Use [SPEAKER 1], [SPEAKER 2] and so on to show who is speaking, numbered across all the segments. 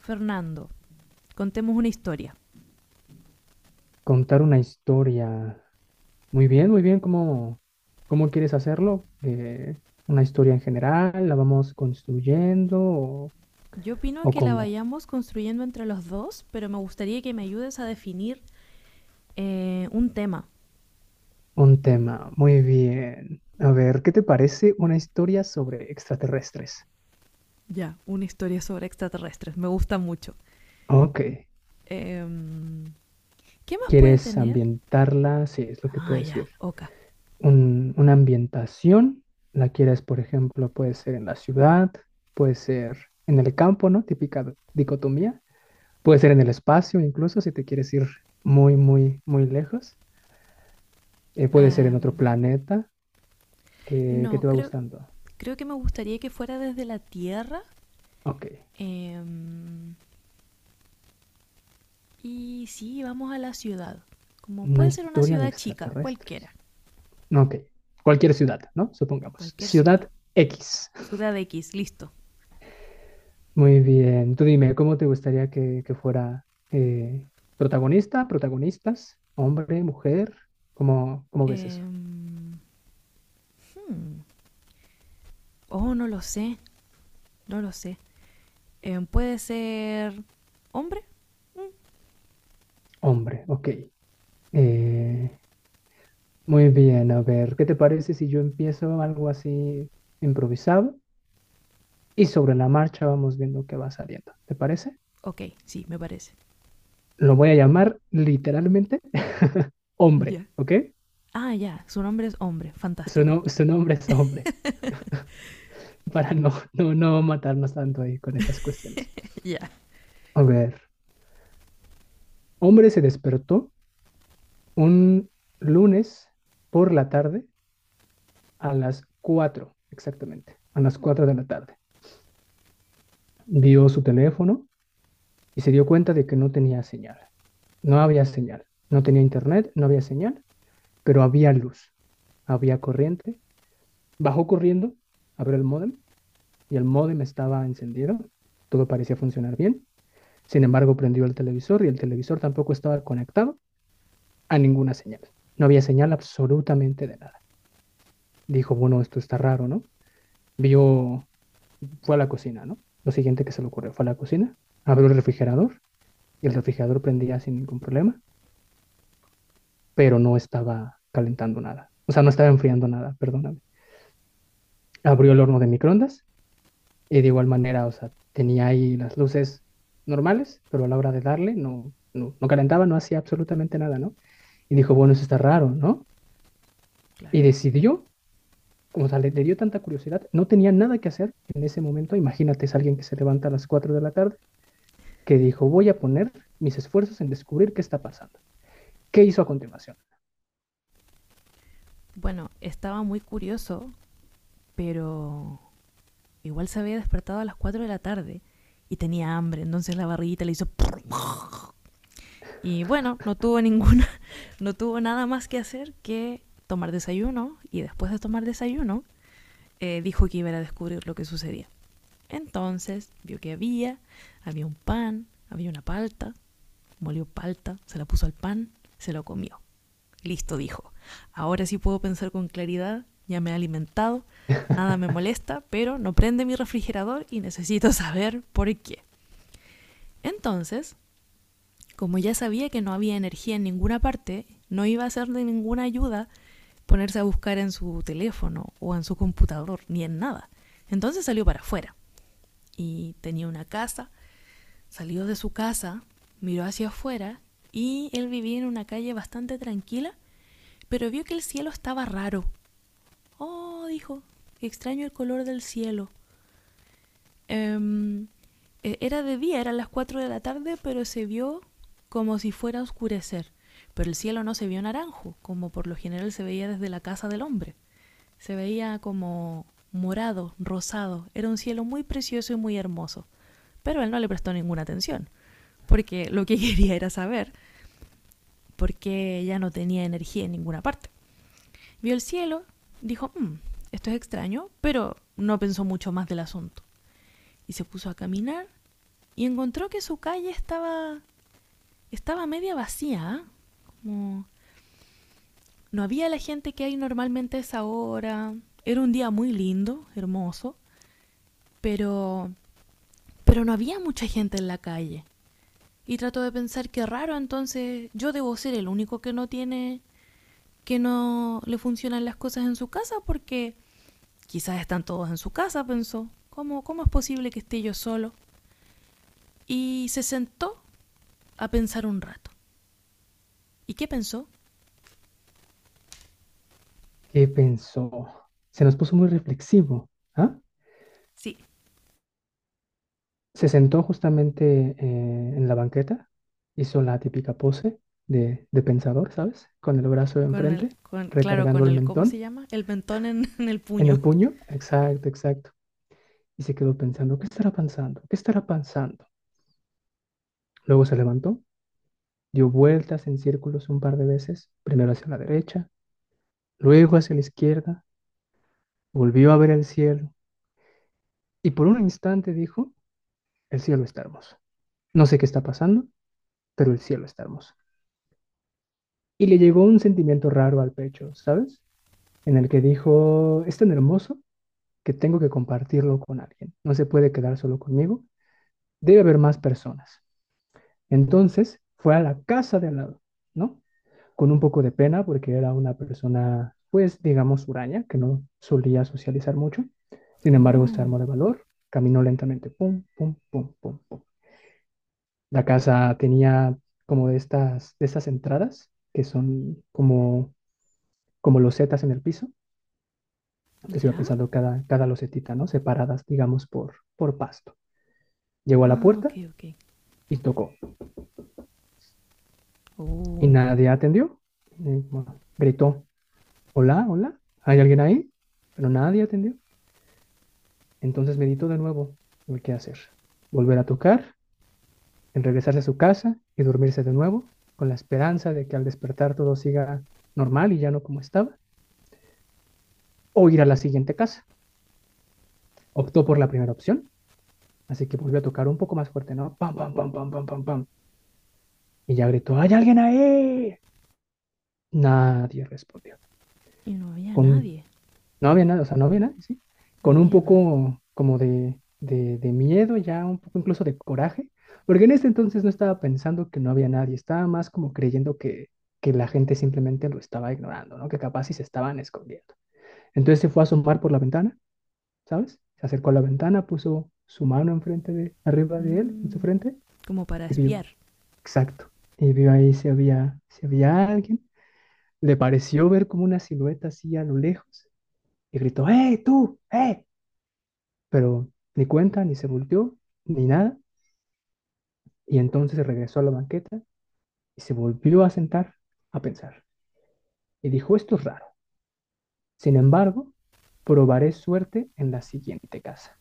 [SPEAKER 1] Fernando, contemos una historia.
[SPEAKER 2] Contar una historia. Muy bien, muy bien. ¿Cómo, cómo quieres hacerlo? ¿Una historia en general? ¿La vamos construyendo? ¿O,
[SPEAKER 1] Yo opino
[SPEAKER 2] o
[SPEAKER 1] que la
[SPEAKER 2] cómo?
[SPEAKER 1] vayamos construyendo entre los dos, pero me gustaría que me ayudes a definir un tema.
[SPEAKER 2] Un tema. Muy bien. A ver, ¿qué te parece una historia sobre extraterrestres?
[SPEAKER 1] Ya, una historia sobre extraterrestres. Me gusta mucho.
[SPEAKER 2] Ok.
[SPEAKER 1] Em, ¿Qué más puede
[SPEAKER 2] ¿Quieres
[SPEAKER 1] tener?
[SPEAKER 2] ambientarla? Sí, es lo que te voy
[SPEAKER 1] Ah,
[SPEAKER 2] a
[SPEAKER 1] ya,
[SPEAKER 2] decir.
[SPEAKER 1] Oka.
[SPEAKER 2] Una ambientación. La quieres, por ejemplo, puede ser en la ciudad, puede ser en el campo, ¿no? Típica dicotomía. Puede ser en el espacio, incluso si te quieres ir muy, muy, muy lejos. Puede ser en otro
[SPEAKER 1] Em,
[SPEAKER 2] planeta que
[SPEAKER 1] no,
[SPEAKER 2] te va gustando.
[SPEAKER 1] creo que me gustaría que fuera desde la Tierra.
[SPEAKER 2] Ok,
[SPEAKER 1] em, y sí, vamos a la ciudad. Como
[SPEAKER 2] una
[SPEAKER 1] puede ser una
[SPEAKER 2] historia de
[SPEAKER 1] ciudad chica,
[SPEAKER 2] extraterrestres.
[SPEAKER 1] cualquiera.
[SPEAKER 2] Ok, cualquier ciudad, ¿no? Supongamos.
[SPEAKER 1] Cualquier ciudad.
[SPEAKER 2] Ciudad X.
[SPEAKER 1] Ciudad X, listo.
[SPEAKER 2] Muy bien, tú dime, ¿cómo te gustaría que fuera protagonista, protagonistas, hombre, mujer? ¿Cómo, cómo ves eso?
[SPEAKER 1] Em, Oh, no lo sé, no lo sé. ¿Puede ser hombre?
[SPEAKER 2] Hombre, ok. Eh, Muy bien, a ver, ¿qué te parece si yo empiezo algo así improvisado y sobre la marcha vamos viendo qué va saliendo? ¿Te parece?
[SPEAKER 1] Ok, sí, me parece.
[SPEAKER 2] Lo voy a llamar literalmente
[SPEAKER 1] Ya,
[SPEAKER 2] hombre,
[SPEAKER 1] yeah.
[SPEAKER 2] ¿ok?
[SPEAKER 1] Ah, ya, yeah, su nombre es hombre,
[SPEAKER 2] Su,
[SPEAKER 1] fantástico.
[SPEAKER 2] no- su nombre es hombre, para no matarnos tanto ahí con esas cuestiones.
[SPEAKER 1] Ya, yeah.
[SPEAKER 2] A ver, hombre se despertó un lunes por la tarde a las 4 exactamente, a las 4 de la tarde. Vio su teléfono y se dio cuenta de que no tenía señal. No había señal, no tenía internet, no había señal, pero había luz, había corriente. Bajó corriendo, abrió el módem y el módem estaba encendido. Todo parecía funcionar bien. Sin embargo, prendió el televisor y el televisor tampoco estaba conectado a ninguna señal. No había señal absolutamente de nada. Dijo, bueno, esto está raro, ¿no? Vio, fue a la cocina, ¿no? Lo siguiente que se le ocurrió fue a la cocina, abrió el refrigerador y el refrigerador prendía sin ningún problema, pero no estaba calentando nada. O sea, no estaba enfriando nada, perdóname. Abrió el horno de microondas y de igual manera, o sea, tenía ahí las luces normales, pero a la hora de darle no calentaba, no hacía absolutamente nada, ¿no? Y dijo, bueno, eso está raro, ¿no? Y
[SPEAKER 1] Claro.
[SPEAKER 2] decidió, como o sea, le dio tanta curiosidad, no tenía nada que hacer en ese momento. Imagínate, es alguien que se levanta a las 4 de la tarde, que dijo, voy a poner mis esfuerzos en descubrir qué está pasando. ¿Qué hizo a continuación?
[SPEAKER 1] Bueno, estaba muy curioso, pero igual se había despertado a las 4 de la tarde y tenía hambre, entonces la barriguita le hizo y bueno, no tuvo ninguna, no tuvo nada más que hacer que tomar desayuno y después de tomar desayuno dijo que iba a descubrir lo que sucedía. Entonces vio que había un pan, había una palta, molió palta, se la puso al pan, se lo comió. Listo, dijo. Ahora sí puedo pensar con claridad, ya me he alimentado, nada me molesta, pero no prende mi refrigerador y necesito saber por qué. Entonces, como ya sabía que no había energía en ninguna parte, no iba a ser de ninguna ayuda ponerse a buscar en su teléfono o en su computador, ni en nada. Entonces salió para afuera y tenía una casa, salió de su casa, miró hacia afuera y él vivía en una calle bastante tranquila, pero vio que el cielo estaba raro. Oh, dijo, extraño el color del cielo. Em, Era de día, eran las 4 de la tarde, pero se vio como si fuera a oscurecer. Pero el cielo no se vio naranjo, como por lo general se veía desde la casa del hombre. Se veía como morado, rosado. Era un cielo muy precioso y muy hermoso. Pero él no le prestó ninguna atención, porque lo que quería era saber por qué ya no tenía energía en ninguna parte. Vio el cielo, dijo, "Mm, esto es extraño", pero no pensó mucho más del asunto. Y se puso a caminar y encontró que su estaba media vacía, ¿eh? Como no había la gente que hay normalmente a esa hora. Era un día muy lindo, hermoso, pero, pero no había mucha gente en la calle. Y trató de pensar, qué raro, entonces yo debo ser el único que no que no le funcionan las cosas en su casa, porque quizás están todos en su casa, pensó. ¿Cómo, cómo es posible que esté yo solo? Y se sentó a pensar un rato. ¿Y qué pensó?
[SPEAKER 2] ¿Qué pensó? Se nos puso muy reflexivo, ¿ah?
[SPEAKER 1] Sí.
[SPEAKER 2] Se sentó justamente en la banqueta, hizo la típica pose de pensador, ¿sabes? Con el brazo
[SPEAKER 1] Con el,
[SPEAKER 2] enfrente,
[SPEAKER 1] con, claro,
[SPEAKER 2] recargando
[SPEAKER 1] con
[SPEAKER 2] el
[SPEAKER 1] el, ¿cómo se
[SPEAKER 2] mentón
[SPEAKER 1] llama? El mentón en, en el
[SPEAKER 2] en el
[SPEAKER 1] puño.
[SPEAKER 2] puño. Exacto, exacto. Y se quedó pensando, ¿qué estará pensando? ¿Qué estará pensando? Luego se levantó, dio vueltas en círculos un par de veces, primero hacia la derecha, luego hacia la izquierda, volvió a ver el cielo y por un instante dijo, el cielo está hermoso. No sé qué está pasando, pero el cielo está hermoso. Y le llegó un sentimiento raro al pecho, ¿sabes?, en el que dijo, es tan hermoso que tengo que compartirlo con alguien, no se puede quedar solo conmigo, debe haber más personas. Entonces fue a la casa de al lado, ¿no? Con un poco de pena porque era una persona, pues digamos, huraña, que no solía socializar mucho. Sin embargo, se
[SPEAKER 1] Oh,
[SPEAKER 2] armó de valor, caminó lentamente, pum, pum, pum, pum, pum. La casa tenía como de estas entradas que son como, como losetas en el piso que se iba
[SPEAKER 1] ¿ya?
[SPEAKER 2] pisando cada losetita, ¿no? Separadas, digamos, por pasto. Llegó a la
[SPEAKER 1] Ah, ok,
[SPEAKER 2] puerta
[SPEAKER 1] ok.
[SPEAKER 2] y tocó. Y
[SPEAKER 1] Oh,
[SPEAKER 2] nadie atendió. Y, bueno, gritó, hola, hola, ¿hay alguien ahí? Pero nadie atendió. Entonces meditó de nuevo el qué hacer. Volver a tocar, en regresarse a su casa y dormirse de nuevo, con la esperanza de que al despertar todo siga normal y ya no como estaba, o ir a la siguiente casa. Optó por la primera opción, así que volvió a tocar un poco más fuerte, ¿no? Pam, pam, pam, pam, pam, pam, pam. Y ya gritó, ¿hay alguien ahí? Nadie respondió.
[SPEAKER 1] y no había
[SPEAKER 2] Con,
[SPEAKER 1] nadie,
[SPEAKER 2] no había nada, o sea, no había nadie, ¿sí?
[SPEAKER 1] no
[SPEAKER 2] Con un
[SPEAKER 1] había nadie.
[SPEAKER 2] poco como de miedo, ya un poco incluso de coraje, porque en ese entonces no estaba pensando que no había nadie, estaba más como creyendo que la gente simplemente lo estaba ignorando, ¿no? Que capaz sí se estaban escondiendo. Entonces se fue a asomar por la ventana, ¿sabes? Se acercó a la ventana, puso su mano enfrente de, arriba de él, en su
[SPEAKER 1] Mm,
[SPEAKER 2] frente,
[SPEAKER 1] como para
[SPEAKER 2] y vio,
[SPEAKER 1] espiar.
[SPEAKER 2] exacto, y vio ahí si había, si había alguien. Le pareció ver como una silueta así a lo lejos y gritó, ¡hey, tú! ¡Eh! Pero ni cuenta, ni se volteó, ni nada, y entonces regresó a la banqueta y se volvió a sentar a pensar. Y dijo, esto es raro. Sin embargo, probaré suerte en la siguiente casa.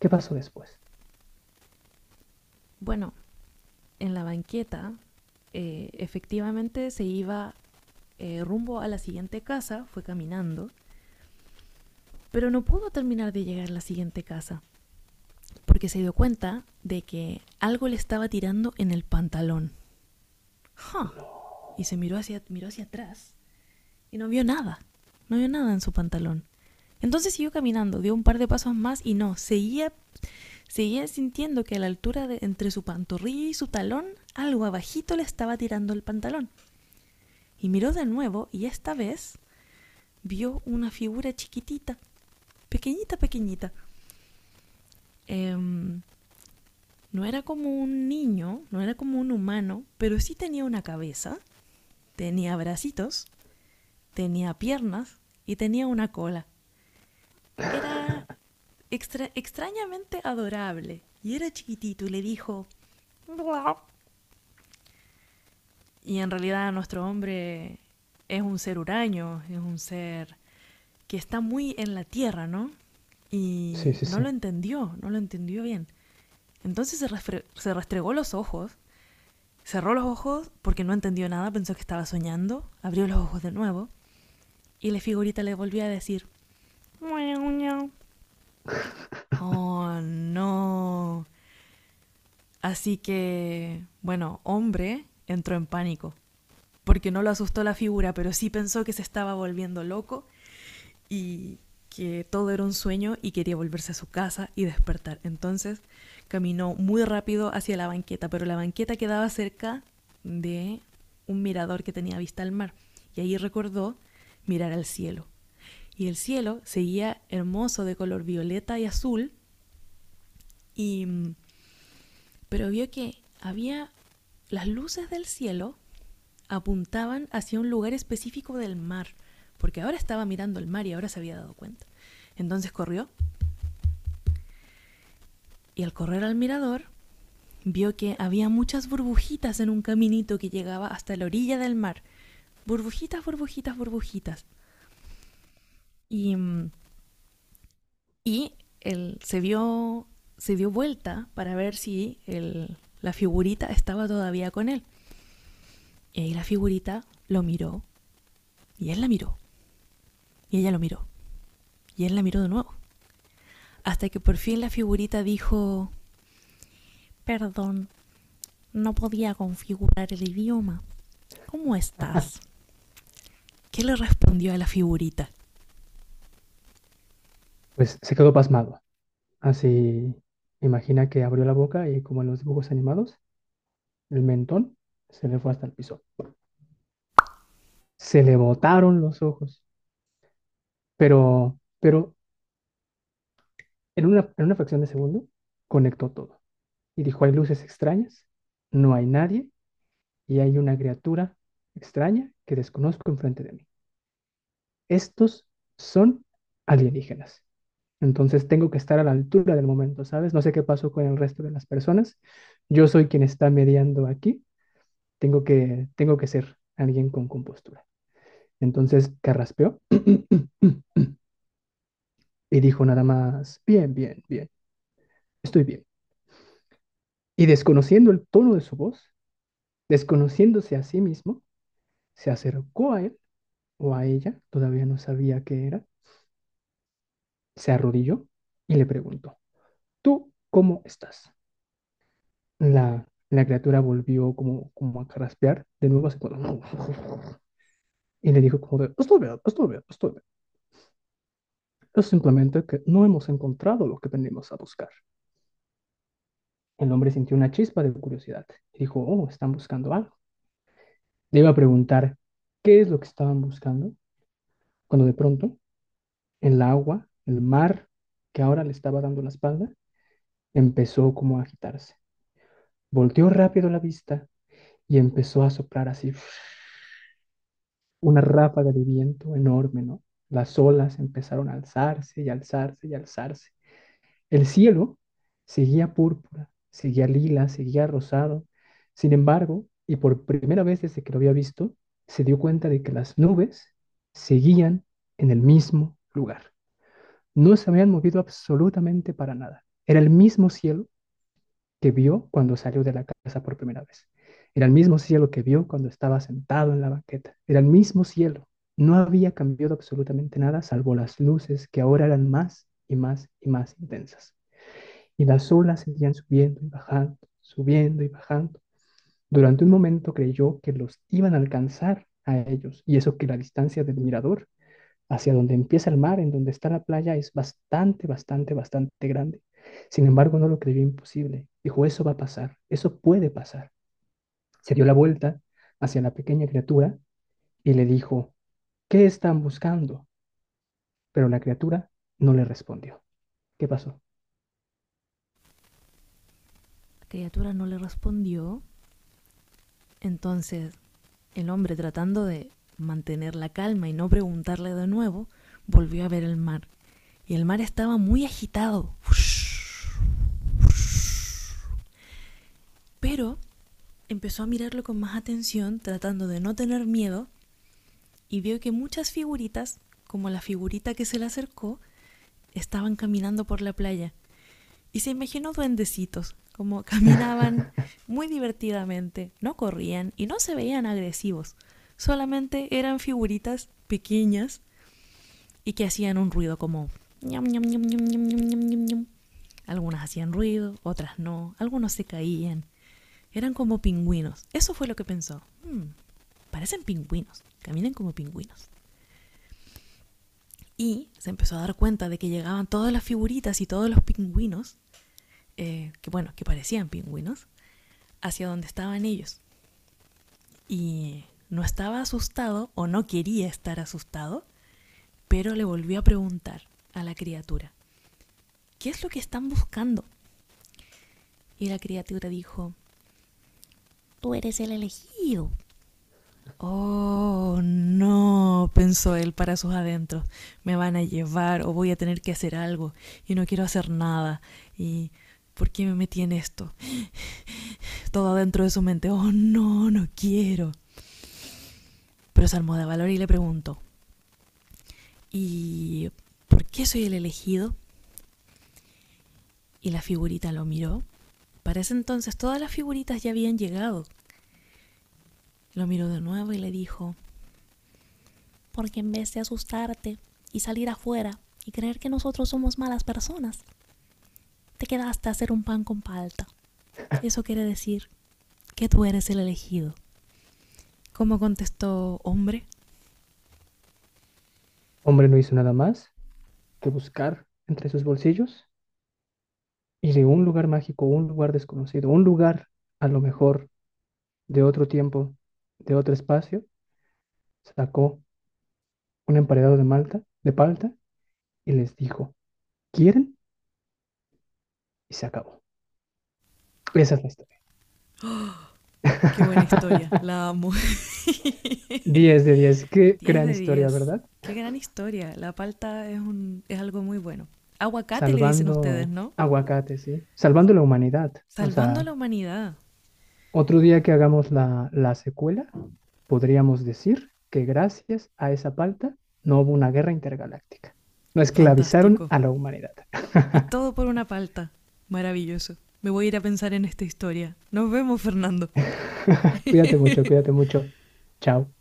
[SPEAKER 2] ¿Qué pasó después?
[SPEAKER 1] Bueno, en la banqueta, efectivamente se iba rumbo a la siguiente casa, fue caminando, pero no pudo terminar de llegar a la siguiente casa, porque se dio cuenta de que algo le estaba tirando en el pantalón. ¡Ja! Huh. Y se miró hacia atrás y no vio nada. No vio nada en su pantalón. Entonces siguió caminando, dio un par de pasos más y no, seguía sintiendo que a la altura de entre su pantorrilla y su talón, algo abajito le estaba tirando el pantalón. Y miró de nuevo y esta vez vio una figura chiquitita, pequeñita, pequeñita. Em, no era como un niño, no era como un humano, pero sí tenía una cabeza, tenía bracitos, tenía piernas y tenía una cola. Era extrañamente adorable. Y era chiquitito y le dijo... Y en realidad nuestro hombre es un ser huraño, es un ser que está muy en la tierra, ¿no?
[SPEAKER 2] Sí,
[SPEAKER 1] Y
[SPEAKER 2] sí,
[SPEAKER 1] no lo
[SPEAKER 2] sí.
[SPEAKER 1] entendió, no lo entendió bien. Entonces se, Se restregó los ojos, cerró los ojos porque no entendió nada, pensó que estaba soñando, abrió los ojos de nuevo y la figurita le volvió a decir, oh, no. Así que, bueno, hombre entró en pánico, porque no lo asustó la figura, pero sí pensó que se estaba volviendo loco y que todo era un sueño y quería volverse a su casa y despertar. Entonces caminó muy rápido hacia la banqueta, pero la banqueta quedaba cerca de un mirador que tenía vista al mar. Y ahí recordó mirar al cielo. Y el cielo seguía hermoso de color violeta y azul y mm, pero vio que había las luces del cielo, apuntaban hacia un lugar específico del mar, porque ahora estaba mirando el mar y ahora se había dado cuenta. Entonces corrió y al correr al mirador vio que había muchas burbujitas en un caminito que llegaba hasta la orilla del mar. Burbujitas, burbujitas, burbujitas. Y, mm, y él se vio, se dio vuelta para ver si la figurita estaba todavía con él. Y ahí la figurita lo miró y él la miró y ella lo miró. Y él la miró de nuevo. Hasta que por fin la figurita dijo, perdón, no podía configurar el idioma. ¿Cómo estás? ¿Qué le respondió a la figurita?
[SPEAKER 2] Pues se quedó pasmado. Así, imagina que abrió la boca y como en los dibujos animados, el mentón se le fue hasta el piso. Se le botaron los ojos. Pero en una fracción de segundo, conectó todo. Y dijo, hay luces extrañas, no hay nadie y hay una criatura extraña que desconozco enfrente de mí. Estos son alienígenas. Entonces tengo que estar a la altura del momento, ¿sabes? No sé qué pasó con el resto de las personas. Yo soy quien está mediando aquí. Tengo que ser alguien con compostura. Entonces carraspeó y dijo nada más, bien, bien, bien, estoy bien. Y desconociendo el tono de su voz, desconociéndose a sí mismo, se acercó a él o a ella, todavía no sabía qué era, se arrodilló y le preguntó, ¿tú cómo estás? La criatura volvió como, como a carraspear de nuevo así como, y le dijo como de, estoy bien, estoy bien, estoy bien. Es simplemente que no hemos encontrado lo que venimos a buscar. El hombre sintió una chispa de curiosidad, dijo, oh, están buscando algo. Le iba a preguntar qué es lo que estaban buscando, cuando de pronto el agua, el mar, que ahora le estaba dando la espalda, empezó como a agitarse. Volteó rápido la vista y empezó a soplar así una ráfaga de viento enorme, ¿no? Las olas empezaron a alzarse y alzarse y alzarse. El cielo seguía púrpura, seguía lila, seguía rosado. Sin embargo, y por primera vez desde que lo había visto, se dio cuenta de que las nubes seguían en el mismo lugar. No se habían movido absolutamente para nada. Era el mismo cielo que vio cuando salió de la casa por primera vez. Era el mismo cielo que vio cuando estaba sentado en la banqueta. Era el mismo cielo. No había cambiado absolutamente nada, salvo las luces que ahora eran más y más y más intensas. Y las olas seguían subiendo y bajando, subiendo y bajando. Durante un momento creyó que los iban a alcanzar a ellos, y eso que la distancia del mirador hacia donde empieza el mar, en donde está la playa, es bastante, bastante, bastante grande. Sin embargo, no lo creyó imposible. Dijo, eso va a pasar, eso puede pasar. Se dio la vuelta hacia la pequeña criatura y le dijo, ¿qué están buscando? Pero la criatura no le respondió. ¿Qué pasó?
[SPEAKER 1] La criatura no le respondió. Entonces el hombre, tratando de mantener la calma y no preguntarle de nuevo, volvió a ver el mar. Y el mar estaba muy agitado. Pero empezó a mirarlo con más atención, tratando de no tener miedo, y vio que muchas figuritas, como la figurita que se le acercó, estaban caminando por la playa. Y se imaginó duendecitos, como caminaban muy divertidamente, no corrían y no se veían agresivos. Solamente eran figuritas pequeñas y que hacían un ruido como... Algunas hacían ruido, otras no, algunos se caían. Eran como pingüinos. Eso fue lo que pensó. "Mm, parecen pingüinos, caminan como pingüinos". Y se empezó a dar cuenta de que llegaban todas las figuritas y todos los pingüinos que bueno, que parecían pingüinos, hacia donde estaban ellos. Y no estaba asustado o no quería estar asustado, pero le volvió a preguntar a la criatura, ¿qué es lo que están buscando? Y la criatura dijo, tú eres el elegido. Oh, no, pensó él para sus adentros, me van a llevar o voy a tener que hacer algo y no quiero hacer nada. ¿Y por qué me metí en esto? Todo adentro de su mente, oh, no, no quiero. Pero es Almodovar y le preguntó, ¿y por qué soy el elegido? Y la figurita lo miró. Para ese entonces todas las figuritas ya habían llegado. Lo miró de nuevo y le dijo, porque en vez de asustarte y salir afuera y creer que nosotros somos malas personas, te quedaste a hacer un pan con palta. Eso quiere decir que tú eres el elegido. ¿Cómo contestó hombre?
[SPEAKER 2] Hombre no hizo nada más que buscar entre sus bolsillos y de un lugar mágico, un lugar desconocido, un lugar a lo mejor de otro tiempo, de otro espacio, sacó un emparedado de malta, de palta, y les dijo, ¿quieren? Y se acabó. Esa es la historia.
[SPEAKER 1] Qué buena historia, la amo.
[SPEAKER 2] 10 de 10. Qué
[SPEAKER 1] diez
[SPEAKER 2] gran
[SPEAKER 1] de
[SPEAKER 2] historia,
[SPEAKER 1] diez
[SPEAKER 2] ¿verdad?
[SPEAKER 1] Qué gran historia. La palta es, un, es algo muy bueno. Aguacate le dicen ustedes,
[SPEAKER 2] Salvando
[SPEAKER 1] ¿no?
[SPEAKER 2] aguacate, sí. Salvando la humanidad. O
[SPEAKER 1] Salvando a
[SPEAKER 2] sea,
[SPEAKER 1] la humanidad.
[SPEAKER 2] otro día que hagamos la secuela, podríamos decir que gracias a esa palta no hubo una guerra intergaláctica. No esclavizaron
[SPEAKER 1] Fantástico.
[SPEAKER 2] a la humanidad.
[SPEAKER 1] Y todo por una palta. Maravilloso. Me voy a ir a pensar en esta historia. Nos vemos, Fernando.
[SPEAKER 2] Cuídate mucho, cuídate mucho. Chao.